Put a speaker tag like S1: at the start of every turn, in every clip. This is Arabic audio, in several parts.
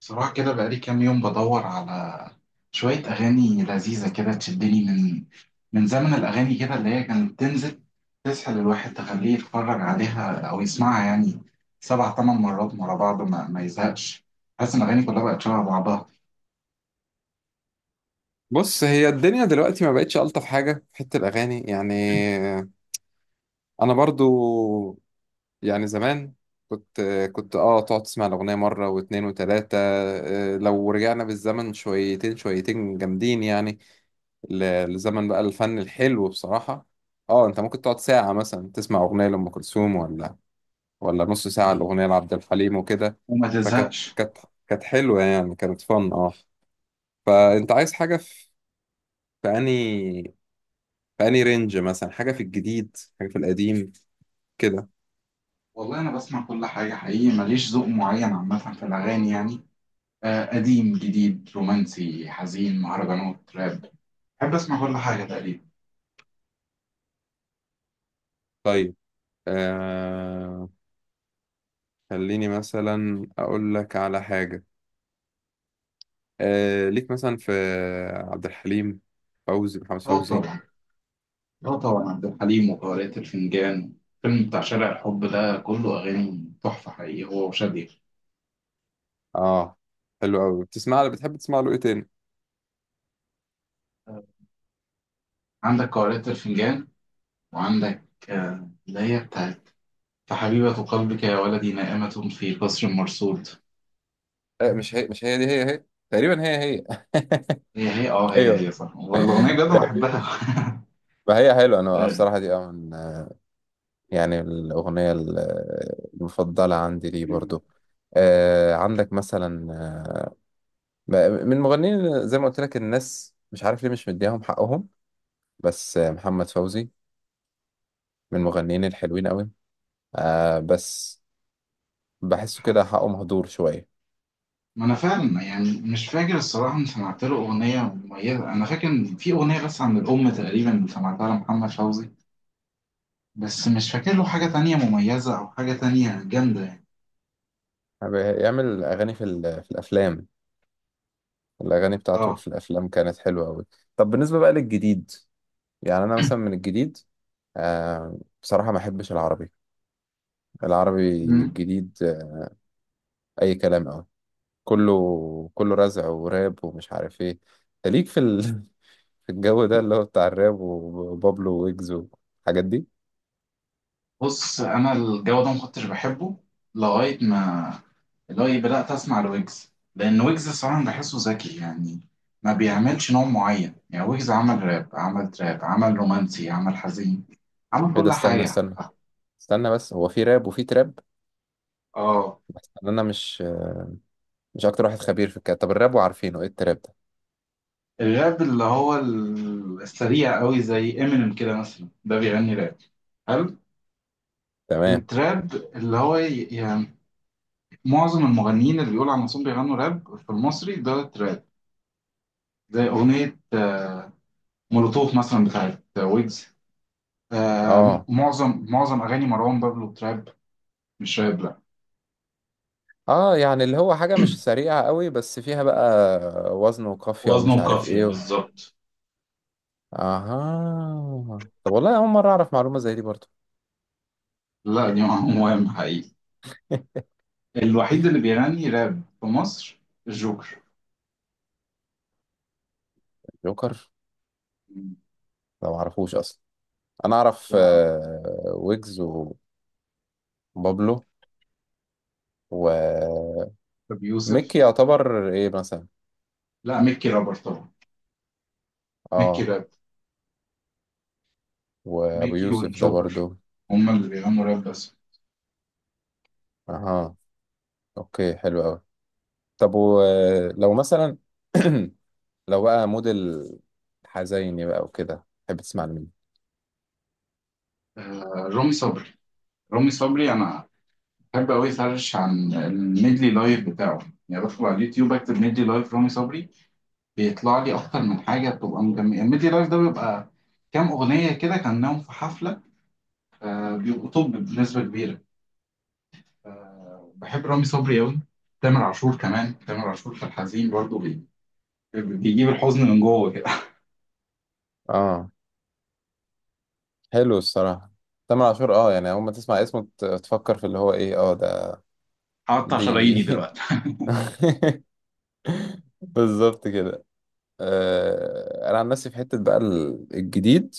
S1: بصراحة كده بقالي كام يوم بدور على شوية أغاني لذيذة كده تشدني من زمن الأغاني كده اللي هي كانت بتنزل تسحل الواحد تخليه يتفرج عليها أو يسمعها، يعني سبع تمن مرات ورا بعض ما يزهقش. حاسس إن الأغاني كلها بقت شبه بعضها
S2: بص، هي الدنيا دلوقتي ما بقتش ألطف حاجة في حتة الأغاني يعني. أنا برضو، يعني زمان كنت كنت تقعد تسمع الأغنية مرة واتنين وتلاتة. لو رجعنا بالزمن شويتين شويتين جامدين يعني، لزمن بقى الفن الحلو بصراحة. اه انت ممكن تقعد ساعة مثلا تسمع أغنية لأم كلثوم، ولا نص ساعة الأغنية لعبد الحليم وكده.
S1: وما
S2: فكانت
S1: تزهقش.
S2: كانت كانت حلوة، يعني كانت فن اه. فأنت عايز حاجة في أنهي؟ فأني رينج مثلا، حاجة في الجديد حاجة في القديم كده.
S1: والله أنا بسمع كل حاجة حقيقي، ماليش ذوق معين عامة في الأغاني، يعني قديم جديد رومانسي حزين مهرجانات راب، بحب أسمع كل حاجة تقريبا.
S2: طيب آه، خليني مثلا أقول لك على حاجة. آه ليك مثلا في عبد الحليم، فوزي، محمد
S1: اه
S2: فوزي.
S1: طبعا. اه طبعا عبد الحليم وقارئة الفنجان، الفيلم بتاع شارع الحب ده كله أغاني تحفة حقيقي، هو وشادية.
S2: اه حلو أوي. بتسمع له، بتحب تسمع له إيه تاني؟
S1: عندك قارئة الفنجان، وعندك اللي هي بتاعت فحبيبة قلبك يا ولدي نائمة في قصر مرصود.
S2: آه، مش هي، مش هي دي، هي هي تقريبا، هي هي.
S1: هي هي هي
S2: ايوه.
S1: هي صح، والأغنية بجد أنا بحبها.
S2: ما هي حلوة. أنا
S1: آه،
S2: الصراحة دي اه من يعني المفضلة عندي ليه برضو. آه عندك مثلا، ب- من المغنيين زي ما قلت لك، الناس مش عارف ليه مش مديهم حقهم، بس محمد فوزي من المغنيين الحلوين قوي، آه بس بحسه كده
S1: حاسس.
S2: حقه مهدور شوية.
S1: ما أنا فعلا يعني مش فاكر الصراحة إن سمعت له أغنية مميزة، أنا فاكر إن في أغنية بس عن الأم تقريبا سمعتها لمحمد فوزي، بس مش فاكر له حاجة تانية مميزة أو حاجة تانية جامدة.
S2: بيعمل أغاني في الأفلام. الأغاني بتاعته
S1: اه.
S2: في الأفلام كانت حلوة قوي. طب بالنسبة بقى للجديد، يعني أنا مثلا من الجديد آه، بصراحة ما أحبش العربي. العربي
S1: مم.
S2: الجديد أي كلام قوي. كله رزع وراب ومش عارف ايه. انت ليك في ال...؟ في الجو ده اللي هو بتاع الراب وبابلو ويجز والحاجات دي.
S1: بص انا الجو ده ما كنتش بحبه لغايه ما لغايه بدات اسمع لويجز، لان ويجز الصراحه أنا بحسه ذكي يعني، ما بيعملش نوع معين، يعني ويجز عمل راب، عمل تراب، عمل رومانسي، عمل حزين، عمل
S2: ايه ده؟
S1: كل
S2: استنى
S1: حاجه.
S2: استنى استنى بس. هو في راب وفي تراب؟
S1: اه.
S2: بس انا مش اكتر واحد خبير في الكلام. طب الراب، وعارفينه، ايه التراب ده؟
S1: الراب اللي هو السريع قوي زي امينيم كده مثلا، ده بيغني راب حلو.
S2: تمام.
S1: التراب اللي هو يعني معظم المغنيين اللي بيقولوا على نفسهم بيغنوا راب في المصري ده تراب، زي اغنيه مولوتوف مثلا بتاعت ويجز.
S2: اه،
S1: معظم اغاني مروان بابلو تراب، مش راب لا.
S2: اه يعني اللي هو حاجة مش سريعة قوي، بس فيها بقى وزن وقافية ومش
S1: وزنه
S2: عارف
S1: قافية
S2: ايه و...
S1: بالظبط.
S2: اها. طب والله اول مرة اعرف معلومة زي دي برضه.
S1: لا دي مهم حقيقي. الوحيد اللي بيغني راب في مصر الجوكر.
S2: جوكر؟
S1: مم.
S2: لا معرفوش اصلا. انا اعرف
S1: لا.
S2: ويجز وبابلو وميكي.
S1: ابو يوسف.
S2: يعتبر ايه مثلا؟
S1: لا ميكي رابر طبعا، ميكي
S2: اه.
S1: راب،
S2: وابو
S1: ميكي
S2: يوسف ده برضو؟
S1: والجوكر هم اللي بيغنوا راب بس.
S2: اها. اوكي، حلو قوي. طب ولو مثلا لو بقى موديل حزيني بقى وكده، تحب تسمع لمين؟
S1: آه. رامي صبري. رامي صبري انا بحب قوي سيرش عن الميدلي لايف بتاعه، يعني بدخل على اليوتيوب اكتب ميدلي لايف رامي صبري بيطلع لي اكتر من حاجه، بتبقى مجمع، ميدي لايف ده بيبقى كام اغنيه كده كانهم في حفله. بيبقوا طب بنسبه كبيره. بحب رامي صبري قوي. تامر عاشور كمان، تامر عاشور في الحزين برضه بيجيب الحزن من جوه كده.
S2: اه، حلو الصراحة. تامر عاشور اه، يعني اول ما تسمع اسمه تفكر في اللي هو ايه اه ده
S1: هقطع
S2: دي.
S1: شراييني دلوقتي.
S2: بالظبط كده. آه، انا عن نفسي في حتة بقى الجديد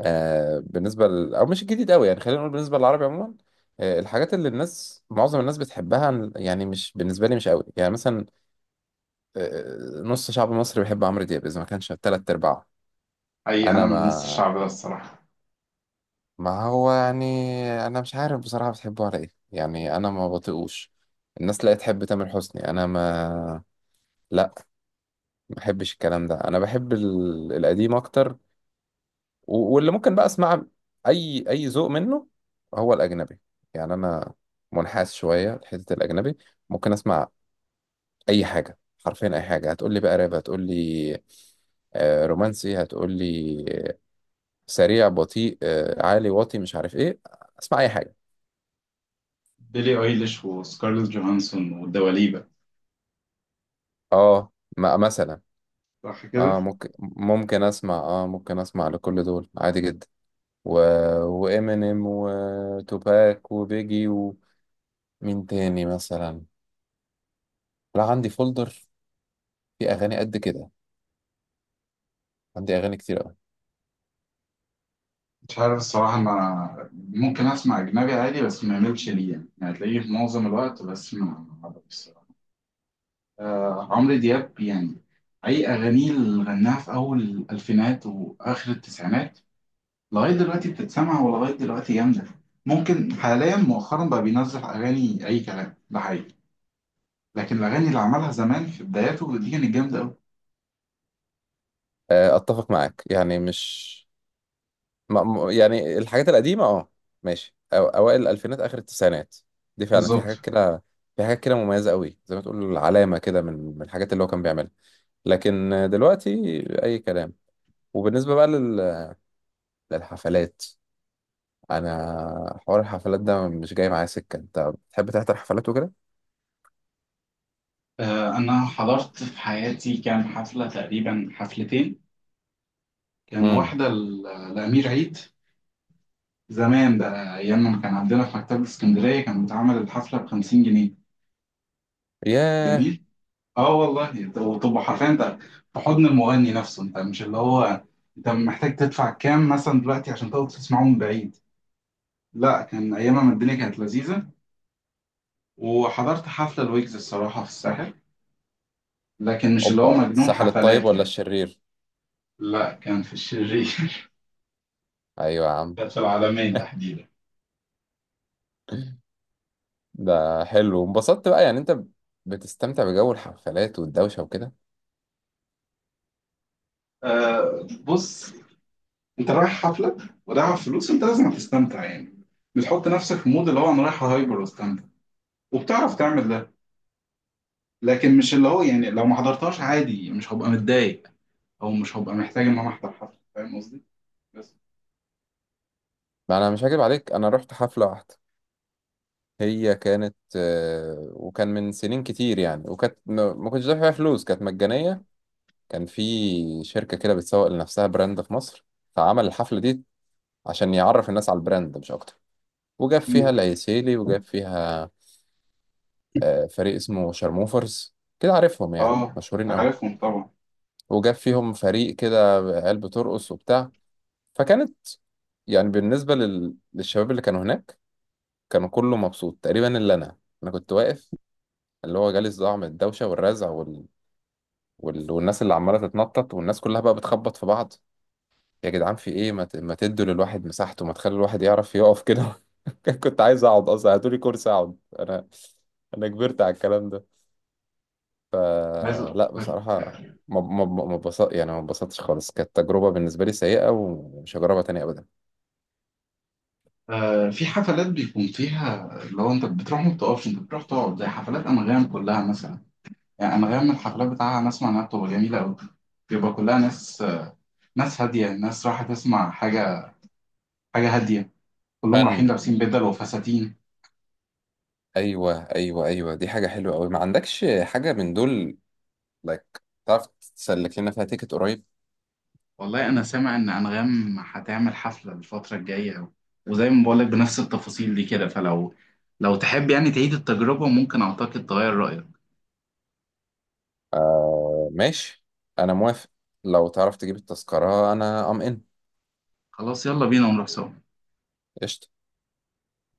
S2: آه، بالنسبة ل... أو مش الجديد أوي يعني، خلينا نقول بالنسبة للعربي عموما. آه، الحاجات اللي الناس، معظم الناس بتحبها، يعني مش بالنسبة لي مش أوي يعني. مثلا آه نص شعب مصر بيحب عمرو دياب، إذا ما كانش تلات أرباعه.
S1: حقيقي انا
S2: أنا
S1: من نص
S2: ما
S1: الشعب ده الصراحه.
S2: ما هو يعني، أنا مش عارف بصراحة بتحبه على إيه، يعني أنا ما بطيقوش. الناس لا تحب تامر حسني، أنا لا ما بحبش الكلام ده. أنا بحب ال... القديم أكتر. و- واللي ممكن بقى اسمع اي ذوق منه، هو الاجنبي. يعني انا منحاز شويه لحته الاجنبي. ممكن اسمع اي حاجه، حرفيا اي حاجه. هتقول لي بقى راب، هتقول لي رومانسي، هتقول لي سريع بطيء عالي واطي مش عارف ايه، اسمع اي حاجه.
S1: بيلي ايليش وسكارلت جوهانسون والدواليبة.
S2: اه مثلا.
S1: صح كده.
S2: اه، ممكن اسمع، اه ممكن اسمع لكل دول عادي جدا. و... وامينيم وتوباك وبيجي، ومين تاني مثلا؟ لا عندي فولدر في اغاني قد كده، عندي اغاني كتير قوي.
S1: مش عارف الصراحة، أنا ممكن أسمع أجنبي عادي بس ما يملش لي يعني، يعني هتلاقيه في معظم الوقت، بس ما آه، عمرو دياب يعني أي أغانيه اللي غناها في أول الألفينات وآخر التسعينات لغاية دلوقتي بتتسمع، ولغاية دلوقتي جامدة. ممكن حاليا مؤخرا بقى بينزل أغاني أي كلام ده حقيقي، لكن الأغاني اللي عملها زمان في بداياته دي كانت جامدة أوي.
S2: آه، اتفق معاك، يعني مش ما... م- يعني الحاجات القديمه اه ماشي، أو... اوائل الالفينات اخر التسعينات دي فعلا في
S1: بالظبط.
S2: حاجات كده، في حاجات كده مميزه قوي، زي ما تقول علامه كده، من الحاجات اللي هو كان بيعملها. لكن آه، دلوقتي اي كلام. وبالنسبه بقى لل... للحفلات، انا حوار الحفلات ده مش جاي معايا سكه. انت بتحب تحضر حفلات وكده؟
S1: آه، أنا حضرت في حياتي كام حفلة تقريبا، حفلتين. كان
S2: امم.
S1: واحدة لأمير عيد. زمان بقى أيام ما كان عندنا في مكتبة اسكندرية كان بيتعمل الحفلة بـ50 جنيه.
S2: ياه.
S1: جميل. اه والله، انت وتبقى حرفيا انت في حضن المغني نفسه، انت مش اللي هو انت محتاج تدفع كام مثلا دلوقتي عشان تقعد تسمعه من بعيد. لا كان ايامها ما الدنيا كانت لذيذه. وحضرت حفله الويجز الصراحه في الساحل، لكن مش اللي هو
S2: اوبا،
S1: مجنون
S2: الساحل الطيب
S1: حفلات
S2: ولا
S1: يعني.
S2: الشرير؟
S1: لا كان في الشرير.
S2: ايوه يا عم.
S1: كانت في العالمين تحديدا.
S2: ده حلو. وانبسطت بقى يعني؟ انت بتستمتع بجو الحفلات والدوشة وكده؟
S1: آه، بص انت رايح حفله ورايح على فلوس، انت لازم تستمتع يعني. بتحط نفسك في مود اللي هو انا رايح هايبر واستمتع، وبتعرف تعمل ده. لكن مش اللي هو يعني لو ما حضرتهاش عادي مش هبقى متضايق، او مش هبقى محتاج ان انا احضر حفله، فاهم قصدي؟ بس.
S2: ما انا مش هكذب عليك، انا رحت حفلة واحدة. هي كانت آه، وكان من سنين كتير يعني، وكانت ما كنتش دافع فيها فلوس، كانت مجانية. كان في شركة كده بتسوق لنفسها براند في مصر، فعمل الحفلة دي عشان يعرف الناس على البراند مش اكتر. وجاب فيها
S1: مم.
S2: العيسيلي، وجاب فيها آه، فريق اسمه شرموفرز، كده عارفهم يعني
S1: اه.
S2: مشهورين قوي.
S1: عارفهم طبعا.
S2: وجاب فيهم فريق كده عيال بترقص وبتاع. فكانت يعني بالنسبة لل... للشباب اللي كانوا هناك، كانوا كله مبسوط تقريبا إلا أنا. أنا كنت واقف اللي هو جالي الصداع من الدوشة والرزع وال... وال... والناس اللي عمالة تتنطط، والناس كلها بقى بتخبط في بعض. يا جدعان في إيه، ما تدوا للواحد مساحته، ما تخلي الواحد يعرف يقف كده. كنت عايز أقعد أصلا، هاتولي كرسي أقعد أنا، أنا كبرت على الكلام ده.
S1: عايز اقول
S2: فلا
S1: لك،
S2: بصراحة، ما ما ما ما اتبسط- يعني ما اتبسطتش خالص. كانت تجربة بالنسبة لي سيئة، ومش هجربها تاني أبدا.
S1: آه، في حفلات بيكون فيها لو انت بتروح ما بتقفش، انت بتروح تقعد، زي حفلات انغام كلها مثلا. يعني انغام الحفلات بتاعها انا اسمع انها بتبقى جميله قوي، بيبقى كلها ناس، ناس هاديه، ناس رايحه تسمع حاجه، حاجه هاديه، كلهم رايحين
S2: فن.
S1: لابسين بدل وفساتين.
S2: ايوه ايوه ايوه، دي حاجه حلوه قوي. ما عندكش حاجه من دول like، تعرف تسلك لنا فيها تيكت قريب؟
S1: والله انا سامع ان انغام هتعمل حفله الفتره الجايه، وزي ما بقولك بنفس التفاصيل دي كده، فلو تحب يعني تعيد التجربه ممكن اعتقد تغير رايك.
S2: آه ماشي، انا موافق. لو تعرف تجيب التذكره انا ام ان.
S1: خلاص يلا بينا ونروح سوا.
S2: قشطه.